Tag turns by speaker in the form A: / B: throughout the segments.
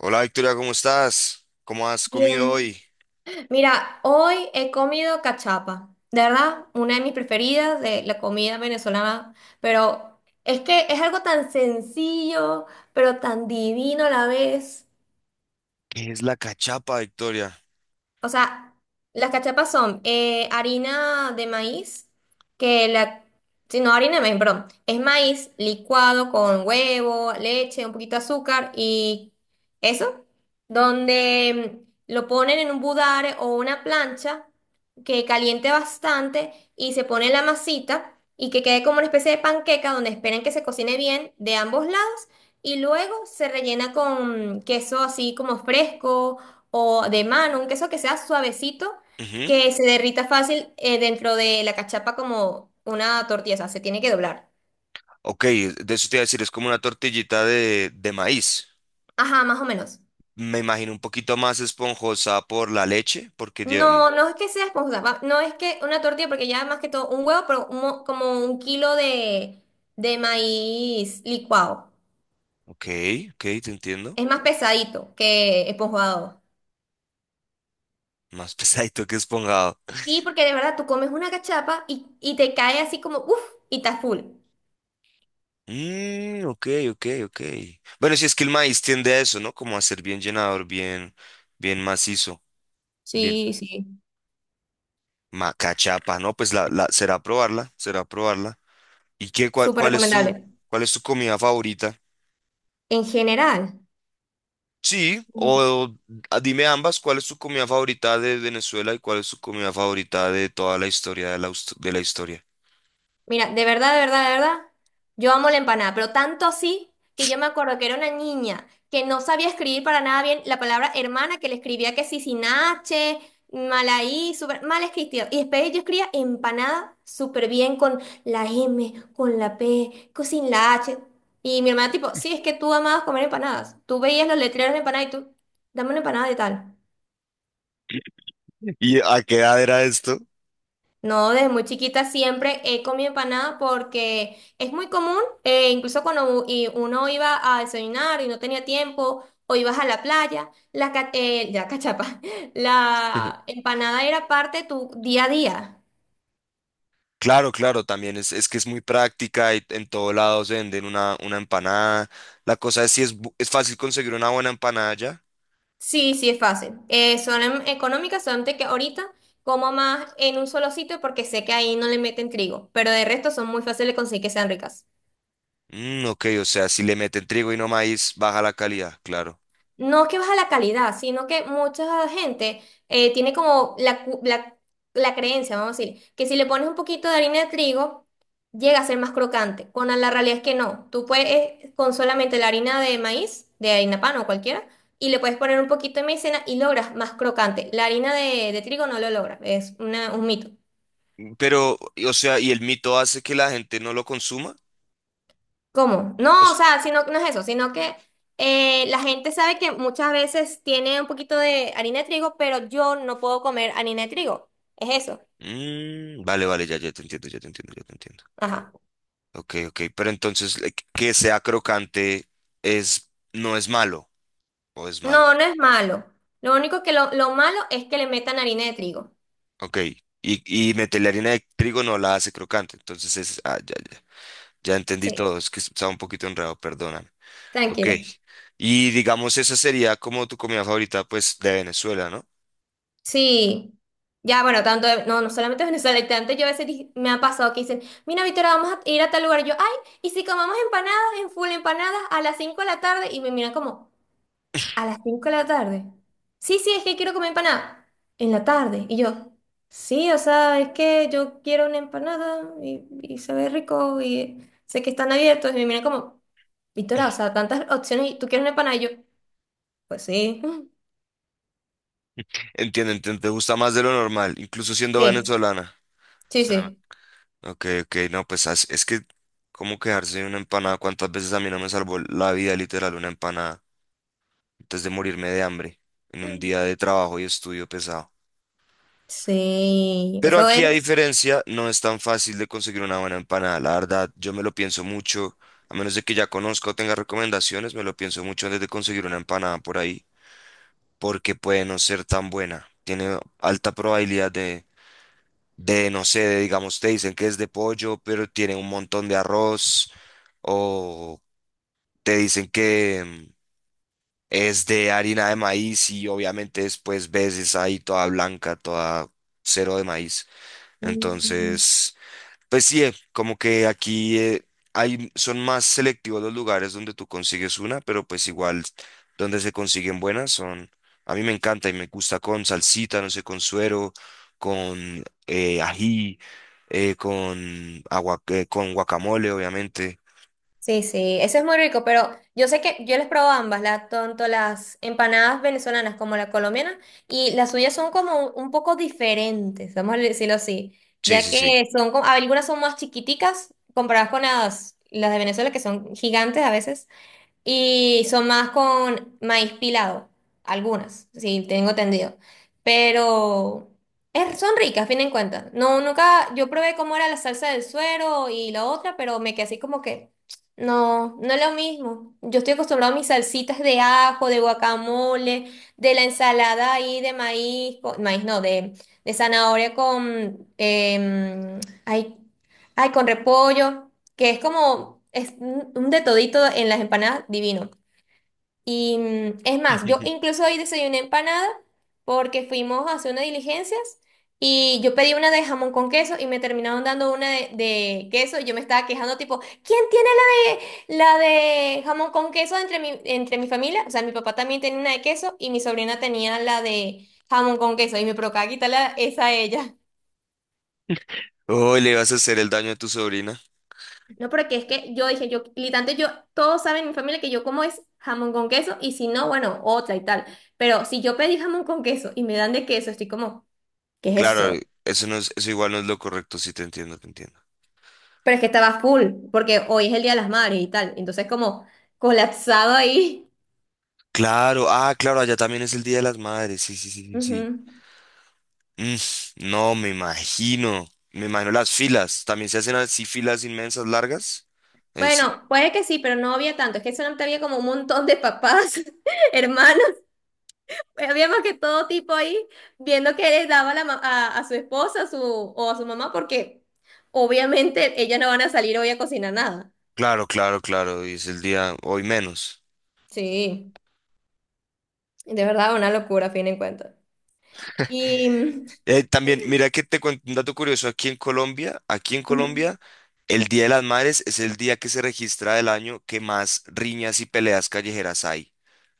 A: Hola Victoria, ¿cómo estás? ¿Cómo has comido
B: Bien.
A: hoy?
B: Mira, hoy he comido cachapa, de verdad, una de mis preferidas de la comida venezolana, pero es que es algo tan sencillo, pero tan divino a la vez.
A: ¿Qué es la cachapa, Victoria?
B: O sea, las cachapas son harina de maíz, que la... Sí, no, harina de maíz, perdón. Es maíz licuado con huevo, leche, un poquito de azúcar y eso, donde lo ponen en un budare o una plancha que caliente bastante y se pone la masita y que quede como una especie de panqueca donde esperan que se cocine bien de ambos lados y luego se rellena con queso así como fresco o de mano, un queso que sea suavecito,
A: Ujú.
B: que se derrita fácil dentro de la cachapa como una tortilla, o sea, se tiene que doblar.
A: Ok, de eso te iba a decir, es como una tortillita de maíz.
B: Ajá, más o menos.
A: Me imagino un poquito más esponjosa por la leche, porque yo...
B: No, no es que sea esponjosa, no es que una tortilla, porque ya más que todo un huevo, pero como un kilo de, maíz licuado.
A: Ok, ok, te entiendo.
B: Es más pesadito que esponjado.
A: Más pesadito que esponjado.
B: Sí, porque de verdad tú comes una cachapa y te cae así como, uff, y está full.
A: Mm, ok, ok. Bueno, si es que el maíz tiende a eso, ¿no? Como a ser bien llenador, bien, bien macizo, bien.
B: Sí, sí,
A: Cachapa, ¿no? Pues la, será probarla, será probarla. Y qué,
B: súper recomendable.
A: cuál es tu comida favorita?
B: En general.
A: Sí, o dime ambas, ¿cuál es tu comida favorita de Venezuela y cuál es tu comida favorita de toda la historia de la, de la historia?
B: Mira, de verdad, de verdad, de verdad, yo amo la empanada, pero tanto así que yo me acuerdo que era una niña que no sabía escribir para nada bien la palabra hermana, que le escribía que sí sin H, mal ahí, súper mal escrito. Y después yo escribía empanada súper bien con la M, con la P, con sin la H. Y mi hermana tipo, sí, es que tú amabas comer empanadas. Tú veías los letreros de empanada y tú, dame una empanada de tal.
A: ¿Y a qué edad era esto?
B: No, desde muy chiquita siempre he comido empanada porque es muy común, incluso cuando y uno iba a desayunar y no tenía tiempo, o ibas a la playa, la cachapa, la empanada era parte de tu día a día.
A: Claro, claro, también es que es muy práctica y en todo lado se venden una empanada. La cosa es si es, es fácil conseguir una buena empanada ya.
B: Sí, sí, es fácil. Son económicas, solamente que ahorita como más en un solo sitio porque sé que ahí no le meten trigo, pero de resto son muy fáciles de conseguir que sean ricas.
A: Mm, ok, o sea, si le meten trigo y no maíz, baja la calidad, claro.
B: No que baja la calidad, sino que mucha gente tiene como la, la creencia, vamos a decir, que si le pones un poquito de harina de trigo, llega a ser más crocante. Cuando la realidad es que no. Tú puedes con solamente la harina de maíz, de harina pan o cualquiera, y le puedes poner un poquito de maicena y logras más crocante. La harina de trigo no lo logra, es un mito.
A: Pero, o sea, ¿y el mito hace que la gente no lo consuma?
B: ¿Cómo? No, o sea, sino, no es eso, sino que la gente sabe que muchas veces tiene un poquito de harina de trigo, pero yo no puedo comer harina de trigo. Es eso.
A: Mm, vale, vale, ya, ya te entiendo, ya te entiendo, ya te entiendo.
B: Ajá.
A: Ok, ok, pero entonces que sea crocante es, no es malo, o es malo.
B: No, no es malo. Lo único que lo malo es que le metan harina de trigo.
A: Ok, y meterle harina de trigo no la hace crocante, entonces es, ah, ya, ya, ya entendí
B: Sí,
A: todo, es que estaba un poquito enredado, perdóname. Ok,
B: tranquilo.
A: y digamos esa sería como tu comida favorita, pues, de Venezuela, ¿no?
B: Sí. Ya, bueno, tanto, no, no solamente Venezuela, tanto yo a veces me ha pasado que dicen, mira, Victoria, vamos a ir a tal lugar. Y yo, ay, ¿y si comamos empanadas en full empanadas a las 5 de la tarde? Y me miran como... A las 5 de la tarde. Sí, sí, es que quiero comer empanada. En la tarde. Y yo, sí, o sea, es que yo quiero una empanada y se ve rico y sé que están abiertos. Y me miran como, Victoria, o sea, tantas opciones y tú quieres una empanada. Y yo, pues sí.
A: Entiendo, entiendo, te gusta más de lo normal, incluso siendo
B: Sí,
A: venezolana.
B: sí, sí.
A: Ok, ok, no, pues es que, ¿cómo quedarse de una empanada? ¿Cuántas veces a mí no me salvó la vida literal una empanada antes de morirme de hambre en un día de trabajo y estudio pesado?
B: Sí,
A: Pero
B: eso
A: aquí, a
B: es.
A: diferencia, no es tan fácil de conseguir una buena empanada. La verdad, yo me lo pienso mucho, a menos de que ya conozca o tenga recomendaciones, me lo pienso mucho antes de conseguir una empanada por ahí, porque puede no ser tan buena. Tiene alta probabilidad de no sé, de, digamos, te dicen que es de pollo, pero tiene un montón de arroz. O te dicen que es de harina de maíz y obviamente después ves esa ahí toda blanca, toda cero de maíz. Entonces, pues sí, como que aquí hay, son más selectivos los lugares donde tú consigues una, pero pues igual donde se consiguen buenas son, a mí me encanta y me gusta con salsita, no sé, con suero, con ají, con agua, con guacamole, obviamente.
B: Sí, sí, ese es muy rico, pero yo sé que yo les probo ambas, la, tanto las empanadas venezolanas como la colombiana, y las suyas son como un poco diferentes, vamos a decirlo así,
A: Sí,
B: ya
A: sí, sí.
B: que son como, algunas son más chiquiticas comparadas con las de Venezuela, que son gigantes a veces. Y son más con maíz pilado, algunas, sí, tengo entendido. Pero son ricas, a fin de cuentas. No, nunca, yo probé cómo era la salsa del suero y la otra, pero me quedé así como que, no, no es lo mismo. Yo estoy acostumbrado a mis salsitas de ajo, de guacamole, de la ensalada ahí de maíz, maíz no, de, zanahoria con, ay, ay, con repollo que es como es un de todito en las empanadas divino. Y es más, yo incluso hoy desayuné empanada porque fuimos a hacer unas diligencias y yo pedí una de jamón con queso y me terminaron dando una de queso y yo me estaba quejando tipo, ¿quién tiene la de jamón con queso entre mi familia? O sea, mi papá también tenía una de queso y mi sobrina tenía la de jamón con queso y me provocaba quitarla esa a ella.
A: Oh, le vas a hacer el daño a tu sobrina.
B: No, porque es que yo dije, yo, literalmente yo, todos saben en mi familia que yo como es jamón con queso y si no, bueno, otra y tal. Pero si yo pedí jamón con queso y me dan de queso, estoy como, ¿qué es
A: Claro,
B: eso?
A: eso no es, eso igual no es lo correcto, sí te entiendo, te entiendo.
B: Pero es que estaba full, porque hoy es el Día de las Madres y tal. Entonces como colapsado ahí.
A: Claro, ah, claro, allá también es el Día de las Madres, sí, sí, sí, sí. Sí.
B: Ujú.
A: Mm, no, me imagino las filas, también se hacen así filas inmensas, largas. Es,
B: Bueno, puede que sí, pero no había tanto. Es que solamente había como un montón de papás, hermanos. Habíamos que todo tipo ahí viendo que les daba la a su esposa su, o a su mamá, porque obviamente ellas no van a salir hoy a cocinar nada.
A: claro, claro, claro, y es el día hoy menos.
B: Sí, de verdad, una locura, a fin de cuentas. Y.
A: También, mira que te cuento un dato curioso, aquí en
B: Ujú.
A: Colombia, el Día de las Madres es el día que se registra del año que más riñas y peleas callejeras hay.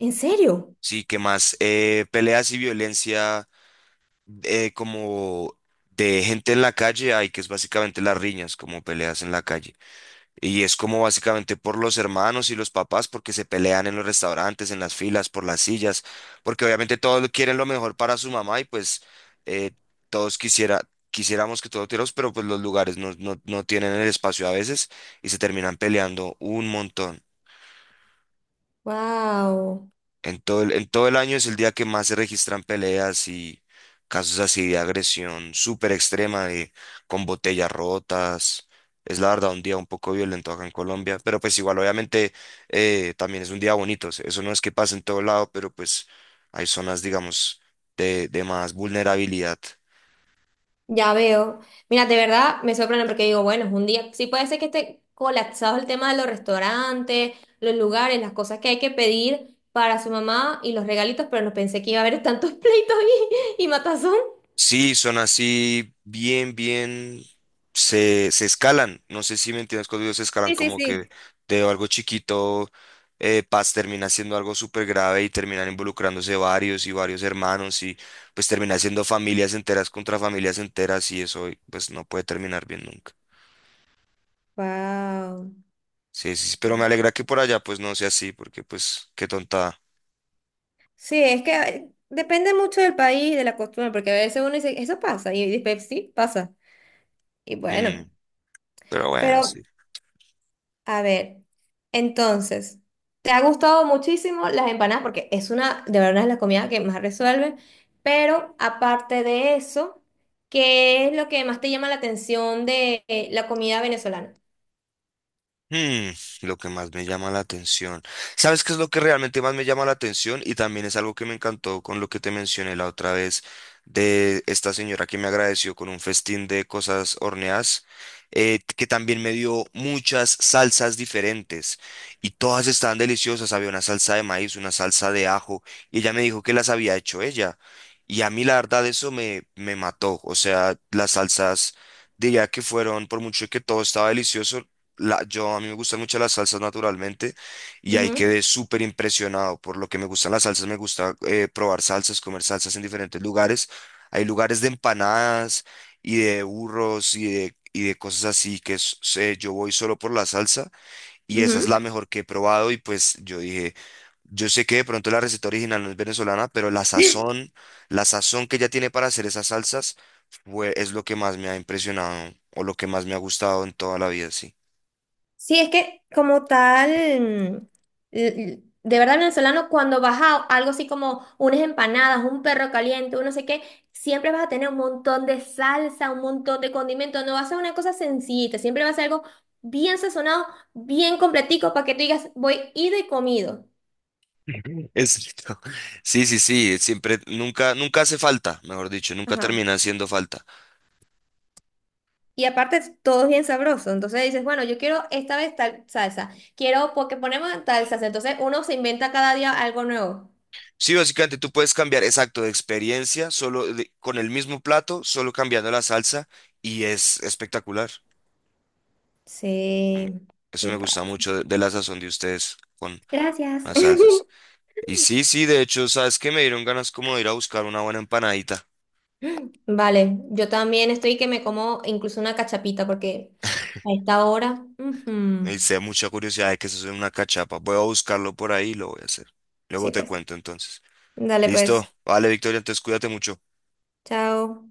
B: ¿En serio?
A: Sí, ¿qué más? Peleas y violencia como de gente en la calle hay, que es básicamente las riñas, como peleas en la calle. Y es como básicamente por los hermanos y los papás, porque se pelean en los restaurantes, en las filas, por las sillas, porque obviamente todos quieren lo mejor para su mamá y pues eh, todos quisiera, quisiéramos que todos tuviéramos, pero pues los lugares no tienen el espacio a veces y se terminan peleando un montón.
B: ¡Wow!
A: En todo en todo el año es el día que más se registran peleas y casos así de agresión súper extrema, de, con botellas rotas. Es la verdad un día un poco violento acá en Colombia, pero pues igual obviamente también es un día bonito. O sea, eso no es que pase en todo lado, pero pues hay zonas, digamos, de más vulnerabilidad.
B: Ya veo. Mira, de verdad me sorprende porque digo, bueno, es un día. Sí, puede ser que esté colapsado el tema de los restaurantes, los lugares, las cosas que hay que pedir para su mamá y los regalitos, pero no pensé que iba a haber tantos pleitos y matazón.
A: Sí, son así bien, bien, se escalan. No sé si me entiendes cuando digo se escalan,
B: Sí, sí,
A: como
B: sí.
A: que de algo chiquito, Paz termina siendo algo súper grave y terminan involucrándose varios y varios hermanos y pues termina siendo familias enteras contra familias enteras y eso pues no puede terminar bien nunca.
B: Wow.
A: Sí, sí, sí, pero me alegra que por allá pues no sea así, porque pues qué tontada.
B: Sí, es que depende mucho del país, de la costumbre, porque a veces uno dice, eso pasa, y después sí, pasa. Y
A: Mm,
B: bueno,
A: pero bueno,
B: pero
A: sí.
B: a ver, entonces, ¿te ha gustado muchísimo las empanadas? Porque es una, de verdad, es la comida que más resuelve, pero aparte de eso, ¿qué es lo que más te llama la atención de la comida venezolana?
A: Hmm, lo que más me llama la atención. ¿Sabes qué es lo que realmente más me llama la atención? Y también es algo que me encantó con lo que te mencioné la otra vez de esta señora que me agradeció con un festín de cosas horneadas, que también me dio muchas salsas diferentes y todas estaban deliciosas. Había una salsa de maíz, una salsa de ajo y ella me dijo que las había hecho ella. Y a mí la verdad eso me, me mató. O sea, las salsas... Diría que fueron, por mucho que todo estaba delicioso, yo a mí me gustan mucho las salsas naturalmente y ahí
B: Ujú,
A: quedé súper impresionado por lo que me gustan las salsas. Me gusta probar salsas, comer salsas en diferentes lugares. Hay lugares de empanadas y de burros y de cosas así que sé, yo voy solo por la salsa y esa es la
B: ujú.
A: mejor que he probado y pues yo dije... Yo sé que de pronto la receta original no es venezolana, pero la sazón que ella tiene para hacer esas salsas es lo que más me ha impresionado o lo que más me ha gustado en toda la vida, sí.
B: Sí, es que como tal, mm, de verdad venezolano, cuando vas a algo así como unas empanadas, un perro caliente, un no sé qué, siempre vas a tener un montón de salsa, un montón de condimentos, no va a ser una cosa sencillita, siempre va a ser algo bien sazonado, bien completico, para que tú digas, voy ido y comido.
A: Exacto. Sí, sí, sí, siempre, nunca, nunca hace falta, mejor dicho, nunca
B: Ajá.
A: termina haciendo falta.
B: Y aparte todo es bien sabroso, entonces dices, bueno, yo quiero esta vez tal salsa, quiero porque ponemos tal salsa, entonces uno se inventa cada día algo nuevo.
A: Sí, básicamente tú puedes cambiar, exacto, de experiencia, solo con el mismo plato, solo cambiando la salsa y es espectacular. Mm,
B: Sí,
A: eso
B: sí,
A: me
B: pa.
A: gusta mucho de la sazón de ustedes con
B: Gracias.
A: las salsas. Y sí, sí, de hecho, sabes que me dieron ganas como de ir a buscar una buena empanadita.
B: Vale, yo también estoy que me como incluso una cachapita porque a esta hora. Ujú.
A: Y sé mucha curiosidad de que eso es una cachapa. Voy a buscarlo por ahí y lo voy a hacer. Luego
B: Sí,
A: te
B: pues.
A: cuento entonces.
B: Dale,
A: Listo.
B: pues.
A: Vale, Victoria, entonces cuídate mucho.
B: Chao.